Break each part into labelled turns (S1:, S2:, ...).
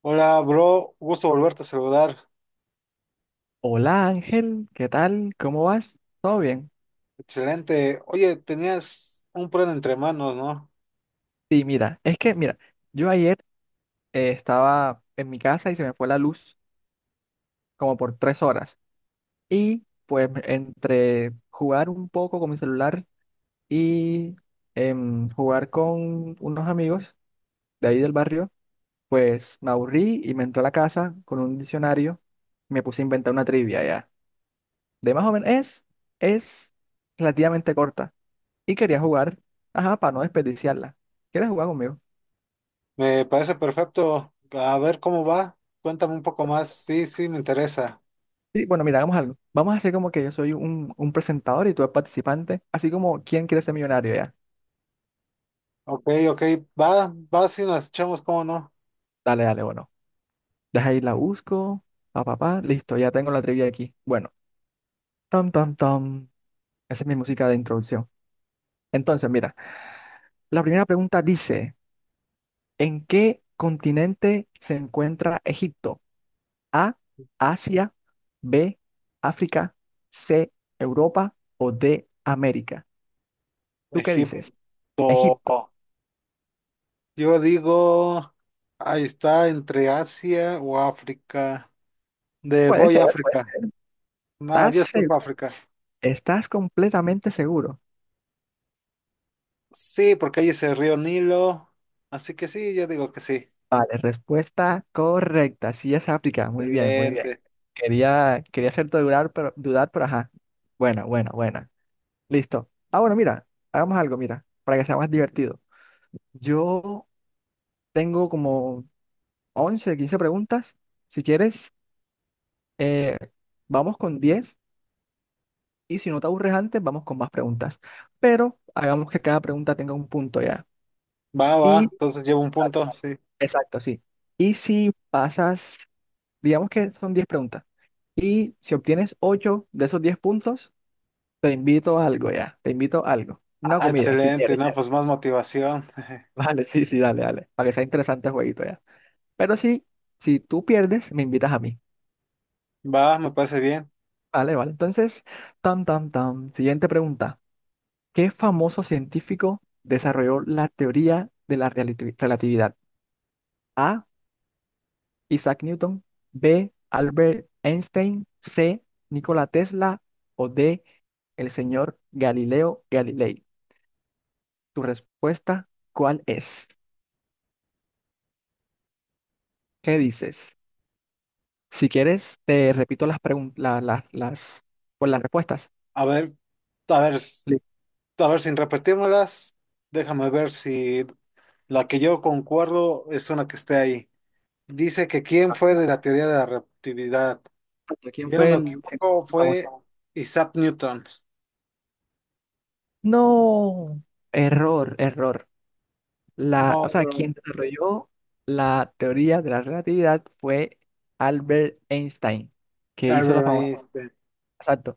S1: Hola, bro, gusto volverte a saludar.
S2: Hola Ángel, ¿qué tal? ¿Cómo vas? ¿Todo bien?
S1: Excelente. Oye, tenías un plan entre manos, ¿no?
S2: Sí, mira, es que, mira, yo ayer estaba en mi casa y se me fue la luz como por tres horas. Y pues entre jugar un poco con mi celular y jugar con unos amigos de ahí del barrio, pues me aburrí y me entré a la casa con un diccionario y me puse a inventar una trivia ya. De más o menos, es relativamente corta y quería jugar, ajá, para no desperdiciarla. ¿Quieres jugar conmigo?
S1: Me parece perfecto. A ver cómo va. Cuéntame un poco más. Sí, sí, me interesa.
S2: Sí, bueno, mira, hagamos algo. Vamos a hacer como que yo soy un presentador y tú eres participante, así como ¿Quién quiere ser millonario ya?
S1: Ok, ok, va, va, sí, nos echamos, ¿cómo no?
S2: Dale, dale, bueno. Deja ahí la busco, pa, pa, pa, listo, ya tengo la trivia aquí. Bueno, tam, tam, tam. Esa es mi música de introducción. Entonces, mira, la primera pregunta dice, ¿en qué continente se encuentra Egipto? A, Asia, B, África, C, Europa o D, América. ¿Tú qué
S1: Egipto.
S2: dices? Egipto.
S1: Yo digo, ahí está, entre Asia o África. De
S2: Puede
S1: voy a
S2: ser, puede
S1: África.
S2: ser.
S1: No,
S2: ¿Estás
S1: yo
S2: seguro?
S1: escojo África.
S2: ¿Estás completamente seguro?
S1: Sí, porque ahí es el río Nilo. Así que sí, yo digo que sí.
S2: Vale, respuesta correcta. Sí, es África. Muy bien, muy bien.
S1: Excelente.
S2: Quería hacerte dudar, pero ajá. Buena, buena, buena. Listo. Ah, bueno, mira, hagamos algo, mira, para que sea más divertido. Yo tengo como 11, 15 preguntas. Si quieres, eh, vamos con diez. Y si no te aburres antes, vamos con más preguntas. Pero hagamos que cada pregunta tenga un punto ya.
S1: Va, va,
S2: Y,
S1: entonces llevo un punto, sí.
S2: exacto, sí. Y si pasas, digamos que son 10 preguntas. Y si obtienes 8 de esos 10 puntos, te invito a algo ya. Te invito a algo. Una
S1: Ah,
S2: comida, si
S1: excelente,
S2: quieres
S1: no,
S2: ya.
S1: pues más motivación.
S2: Vale, sí, sí, dale, dale. Para que sea interesante el jueguito ya. Pero sí, si tú pierdes, me invitas a mí.
S1: Va, me parece bien.
S2: Vale, vale. Entonces, tam, tam, tam. Siguiente pregunta. ¿Qué famoso científico desarrolló la teoría de la relatividad? A. Isaac Newton, B. Albert Einstein, C. Nikola Tesla o D. El señor Galileo Galilei. Tu respuesta, ¿cuál es? ¿Qué dices? Si quieres, te repito las preguntas, pues, las respuestas.
S1: A ver, a ver,
S2: Listo.
S1: a ver, sin repetírmelas, déjame ver si la que yo concuerdo es una que esté ahí. Dice que quién fue de la teoría de la relatividad. Si
S2: ¿Quién
S1: yo no
S2: fue
S1: me
S2: el
S1: equivoco,
S2: científico famoso?
S1: fue Isaac Newton.
S2: No, error, error. La,
S1: No,
S2: o sea,
S1: bro.
S2: quien desarrolló la teoría de la relatividad fue Albert Einstein, que hizo la
S1: Albert
S2: famosa.
S1: Einstein.
S2: Exacto.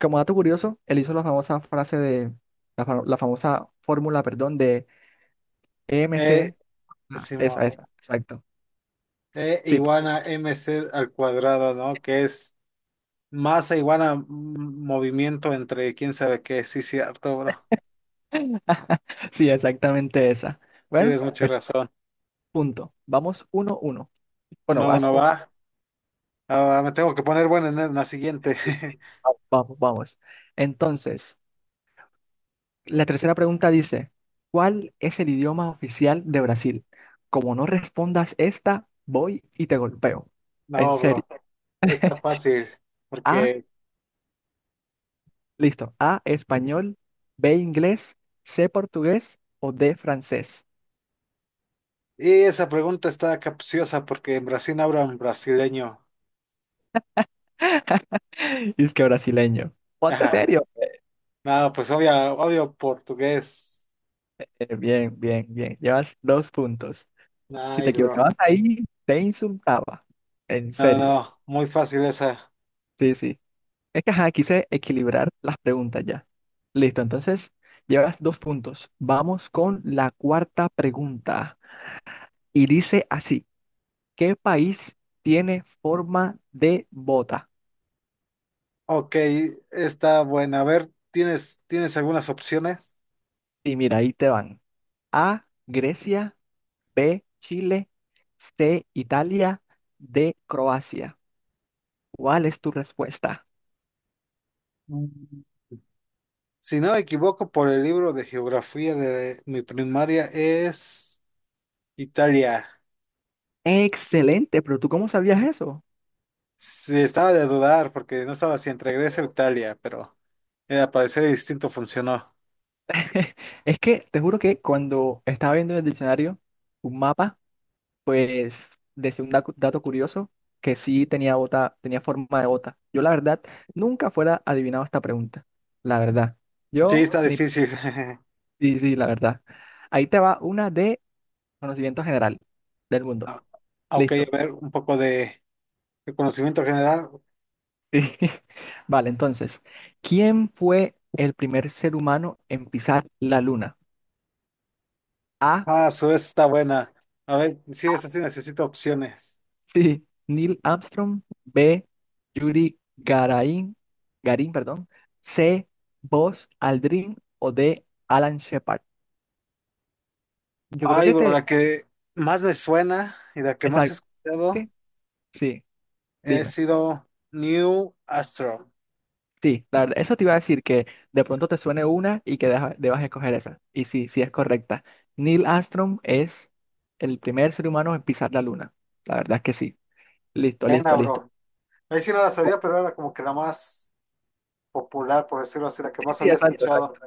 S2: Como dato curioso, él hizo la famosa frase de, la famosa fórmula, perdón, de
S1: E,
S2: EMC, ah, esa,
S1: Simón.
S2: esa, exacto.
S1: E
S2: Sí,
S1: igual a mc al cuadrado, ¿no? Que es masa igual a movimiento entre quién sabe qué. Sí, cierto, bro.
S2: sí, exactamente esa. Bueno,
S1: Tienes mucha
S2: pues
S1: razón.
S2: punto. Vamos uno, uno. Bueno,
S1: Uno
S2: vas
S1: uno
S2: uno.
S1: va. Ah, me tengo que poner bueno en la siguiente.
S2: Sí, sí. Vamos, vamos, vamos. Entonces, la tercera pregunta dice, ¿cuál es el idioma oficial de Brasil? Como no respondas esta, voy y te golpeo. En
S1: No,
S2: serio.
S1: bro. Está fácil.
S2: A,
S1: Porque.
S2: listo. A, español, B, inglés, C, portugués o D, francés.
S1: Y esa pregunta está capciosa porque en Brasil hablan brasileño.
S2: Y es que brasileño. Ponte
S1: Ajá.
S2: serio.
S1: No, pues obvio, obvio portugués.
S2: Bien, bien, bien. Llevas dos puntos. Si te
S1: Nice, bro.
S2: equivocabas ahí, te insultaba. En
S1: No,
S2: serio.
S1: no, muy fácil esa.
S2: Sí, sí. Es que ajá, quise equilibrar las preguntas ya. Listo, entonces llevas dos puntos. Vamos con la cuarta pregunta. Y dice así, ¿qué país tiene forma de bota?
S1: Ok, está buena. A ver, ¿tienes algunas opciones?
S2: Y mira, ahí te van. A, Grecia. B, Chile, C, Italia, D, Croacia. ¿Cuál es tu respuesta?
S1: Si no me equivoco, por el libro de geografía de mi primaria es Italia.
S2: Excelente, pero ¿tú cómo sabías eso?
S1: Sí, estaba de dudar porque no estaba si entre Grecia o Italia, pero al parecer el distinto funcionó.
S2: Es que te juro que cuando estaba viendo en el diccionario un mapa, pues decía un dato curioso que sí tenía bota, tenía forma de bota. Yo la verdad nunca fuera adivinado esta pregunta. La verdad.
S1: Sí,
S2: Yo
S1: está
S2: ni
S1: difícil.
S2: sí, sí, la verdad. Ahí te va una de conocimiento general del mundo.
S1: Ah, ok,
S2: Listo.
S1: a ver, un poco de, conocimiento general.
S2: Sí. Vale, entonces, ¿quién fue el primer ser humano en pisar la luna? A.
S1: Ah, su vez está buena. A ver, sí, esa sí necesito opciones.
S2: Sí, Neil Armstrong. B. Yuri Garín, perdón. C. Buzz Aldrin o D. Alan Shepard. Yo creo
S1: Ay,
S2: que
S1: bro,
S2: te...
S1: la que más me suena y la que más he
S2: Exacto.
S1: escuchado
S2: ¿Qué? Sí,
S1: he
S2: dime.
S1: sido New Astro.
S2: Sí, la verdad, eso te iba a decir que de pronto te suene una y que debas escoger esa. Y sí, sí es correcta. Neil Armstrong es el primer ser humano en pisar la luna. La verdad es que sí. Listo,
S1: Pena,
S2: listo, listo.
S1: bro. Ahí sí no la sabía, pero era como que la más popular, por decirlo así, la que
S2: Sí,
S1: más
S2: sí,
S1: había
S2: exacto,
S1: escuchado.
S2: exacto.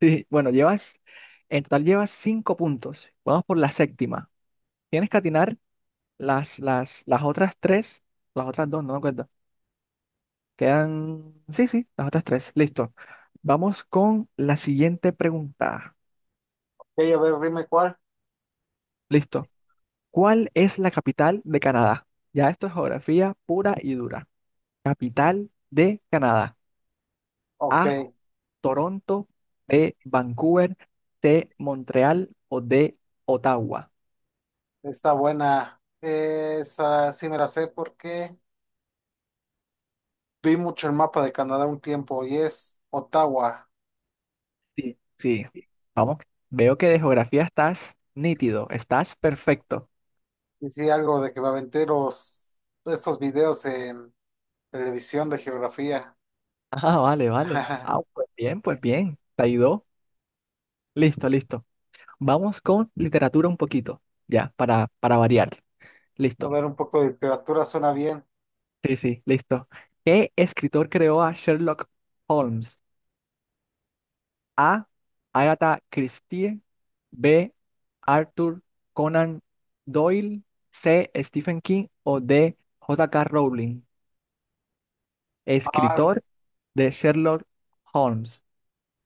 S2: Sí, sí. Bueno, llevas, en total llevas cinco puntos. Vamos por la séptima. Tienes que atinar las otras tres, las otras dos, no me acuerdo. Quedan, sí, sí, las otras tres. Listo. Vamos con la siguiente pregunta.
S1: Ok, a ver, dime cuál.
S2: Listo. ¿Cuál es la capital de Canadá? Ya esto es geografía pura y dura. Capital de Canadá.
S1: Ok,
S2: A, Toronto, B, Vancouver, C, Montreal o D, Ottawa.
S1: está buena. Esa sí me la sé porque vi mucho el mapa de Canadá un tiempo y es Ottawa.
S2: Sí, sí. Vamos, veo que de geografía estás nítido, estás perfecto.
S1: Y sí, algo de que me aventé estos videos en televisión de geografía.
S2: Ah, vale, vale. Ah, pues bien, pues bien. Te ayudó. Listo, listo. Vamos con literatura un poquito, ya, para variar.
S1: A
S2: Listo.
S1: ver, un poco de literatura suena bien.
S2: Sí, sí, listo. ¿Qué escritor creó a Sherlock Holmes? A. Agatha Christie. B. Arthur Conan Doyle. C. Stephen King o D. J K Rowling.
S1: Ah,
S2: Escritor de Sherlock Holmes.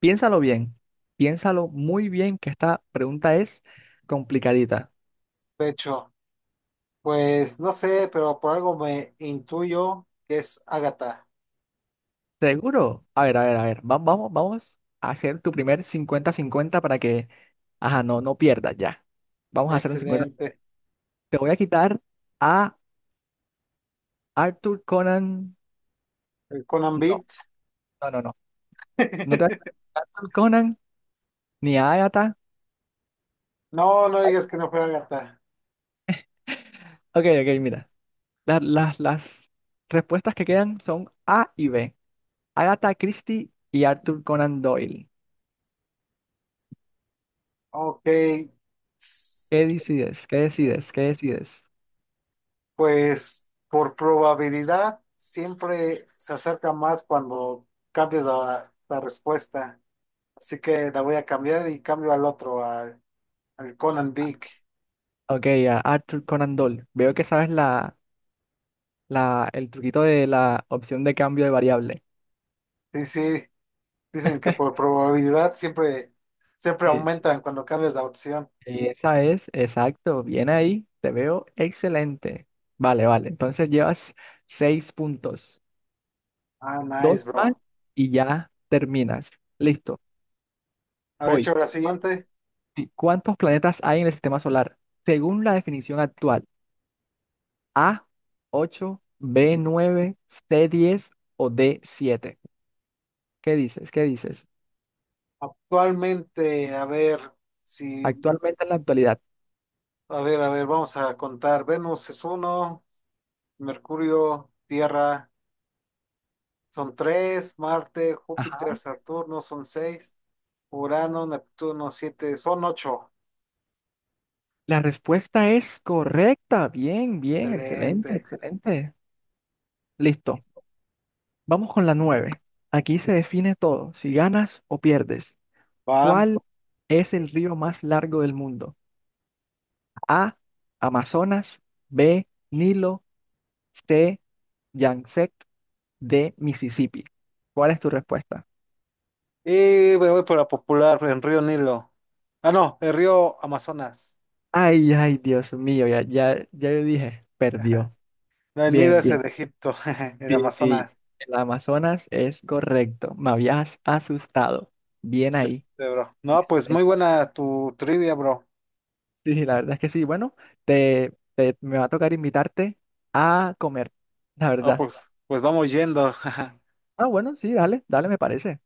S2: Piénsalo bien, piénsalo muy bien, que esta pregunta es complicadita.
S1: de hecho, pues no sé, pero por algo me intuyo que es Ágata.
S2: ¿Seguro? A ver, a ver, a ver, vamos, vamos a hacer tu primer cincuenta-cincuenta para que, ajá, no, no pierdas ya. Vamos a hacer un 50.
S1: Excelente.
S2: Te voy a quitar a Arthur Conan.
S1: El Conan
S2: No,
S1: Beat.
S2: no, no, no. No te voy a quitar a Arthur Conan ni a Agatha.
S1: No, no digas que no fue Agatha.
S2: Ok, ok, mira. Las las respuestas que quedan son A y B. Agatha Christie y Arthur Conan Doyle.
S1: Ok.
S2: ¿Qué decides? ¿Qué decides? ¿Qué decides?
S1: Pues por probabilidad siempre se acerca más cuando cambias la respuesta. Así que la voy a cambiar y cambio al otro, al Conan Big.
S2: Ok, a Arthur Conan Doyle. Veo que sabes el truquito de la opción de cambio de variable.
S1: Sí, sí, dicen que por probabilidad siempre, siempre
S2: Sí.
S1: aumentan cuando cambias la opción.
S2: Y esa es, exacto, bien ahí, te veo excelente. Vale, vale, entonces llevas seis puntos,
S1: Ah,
S2: dos
S1: nice,
S2: más
S1: bro.
S2: y ya terminas. Listo,
S1: A ver,
S2: voy.
S1: hecho la
S2: ¿Cuán-
S1: siguiente.
S2: sí, ¿cuántos planetas hay en el sistema solar? Según la definición actual. A, 8, B, 9, C, 10 o D, 7. ¿Qué dices? ¿Qué dices?
S1: Actualmente, a ver si
S2: Actualmente en la actualidad.
S1: a ver, a ver, vamos a contar. Venus es uno, Mercurio, Tierra son tres, Marte, Júpiter,
S2: Ajá.
S1: Saturno son seis, Urano, Neptuno siete, son ocho.
S2: La respuesta es correcta. Bien, bien, excelente,
S1: Excelente.
S2: excelente. Listo. Vamos con la 9. Aquí se define todo, si ganas o pierdes.
S1: Va.
S2: ¿Cuál es el río más largo del mundo? A, Amazonas, B, Nilo, C, Yangtze, D, Mississippi. ¿Cuál es tu respuesta?
S1: Y me voy por la popular en Río Nilo. Ah, no, el río Amazonas.
S2: Ay, ay, Dios mío, ya, ya, ya yo dije,
S1: Ajá.
S2: perdió.
S1: No, el Nilo
S2: Bien,
S1: es
S2: bien.
S1: el de Egipto, el
S2: Sí, sí,
S1: Amazonas.
S2: el Amazonas es correcto. Me habías asustado. Bien ahí.
S1: Excelente, bro. No, pues muy
S2: Excelente.
S1: buena tu trivia, bro.
S2: Sí, sí, la verdad es que sí. Bueno, me va a tocar invitarte a comer, la
S1: Ah,
S2: verdad.
S1: pues, vamos yendo.
S2: Ah, bueno, sí, dale, dale, me parece.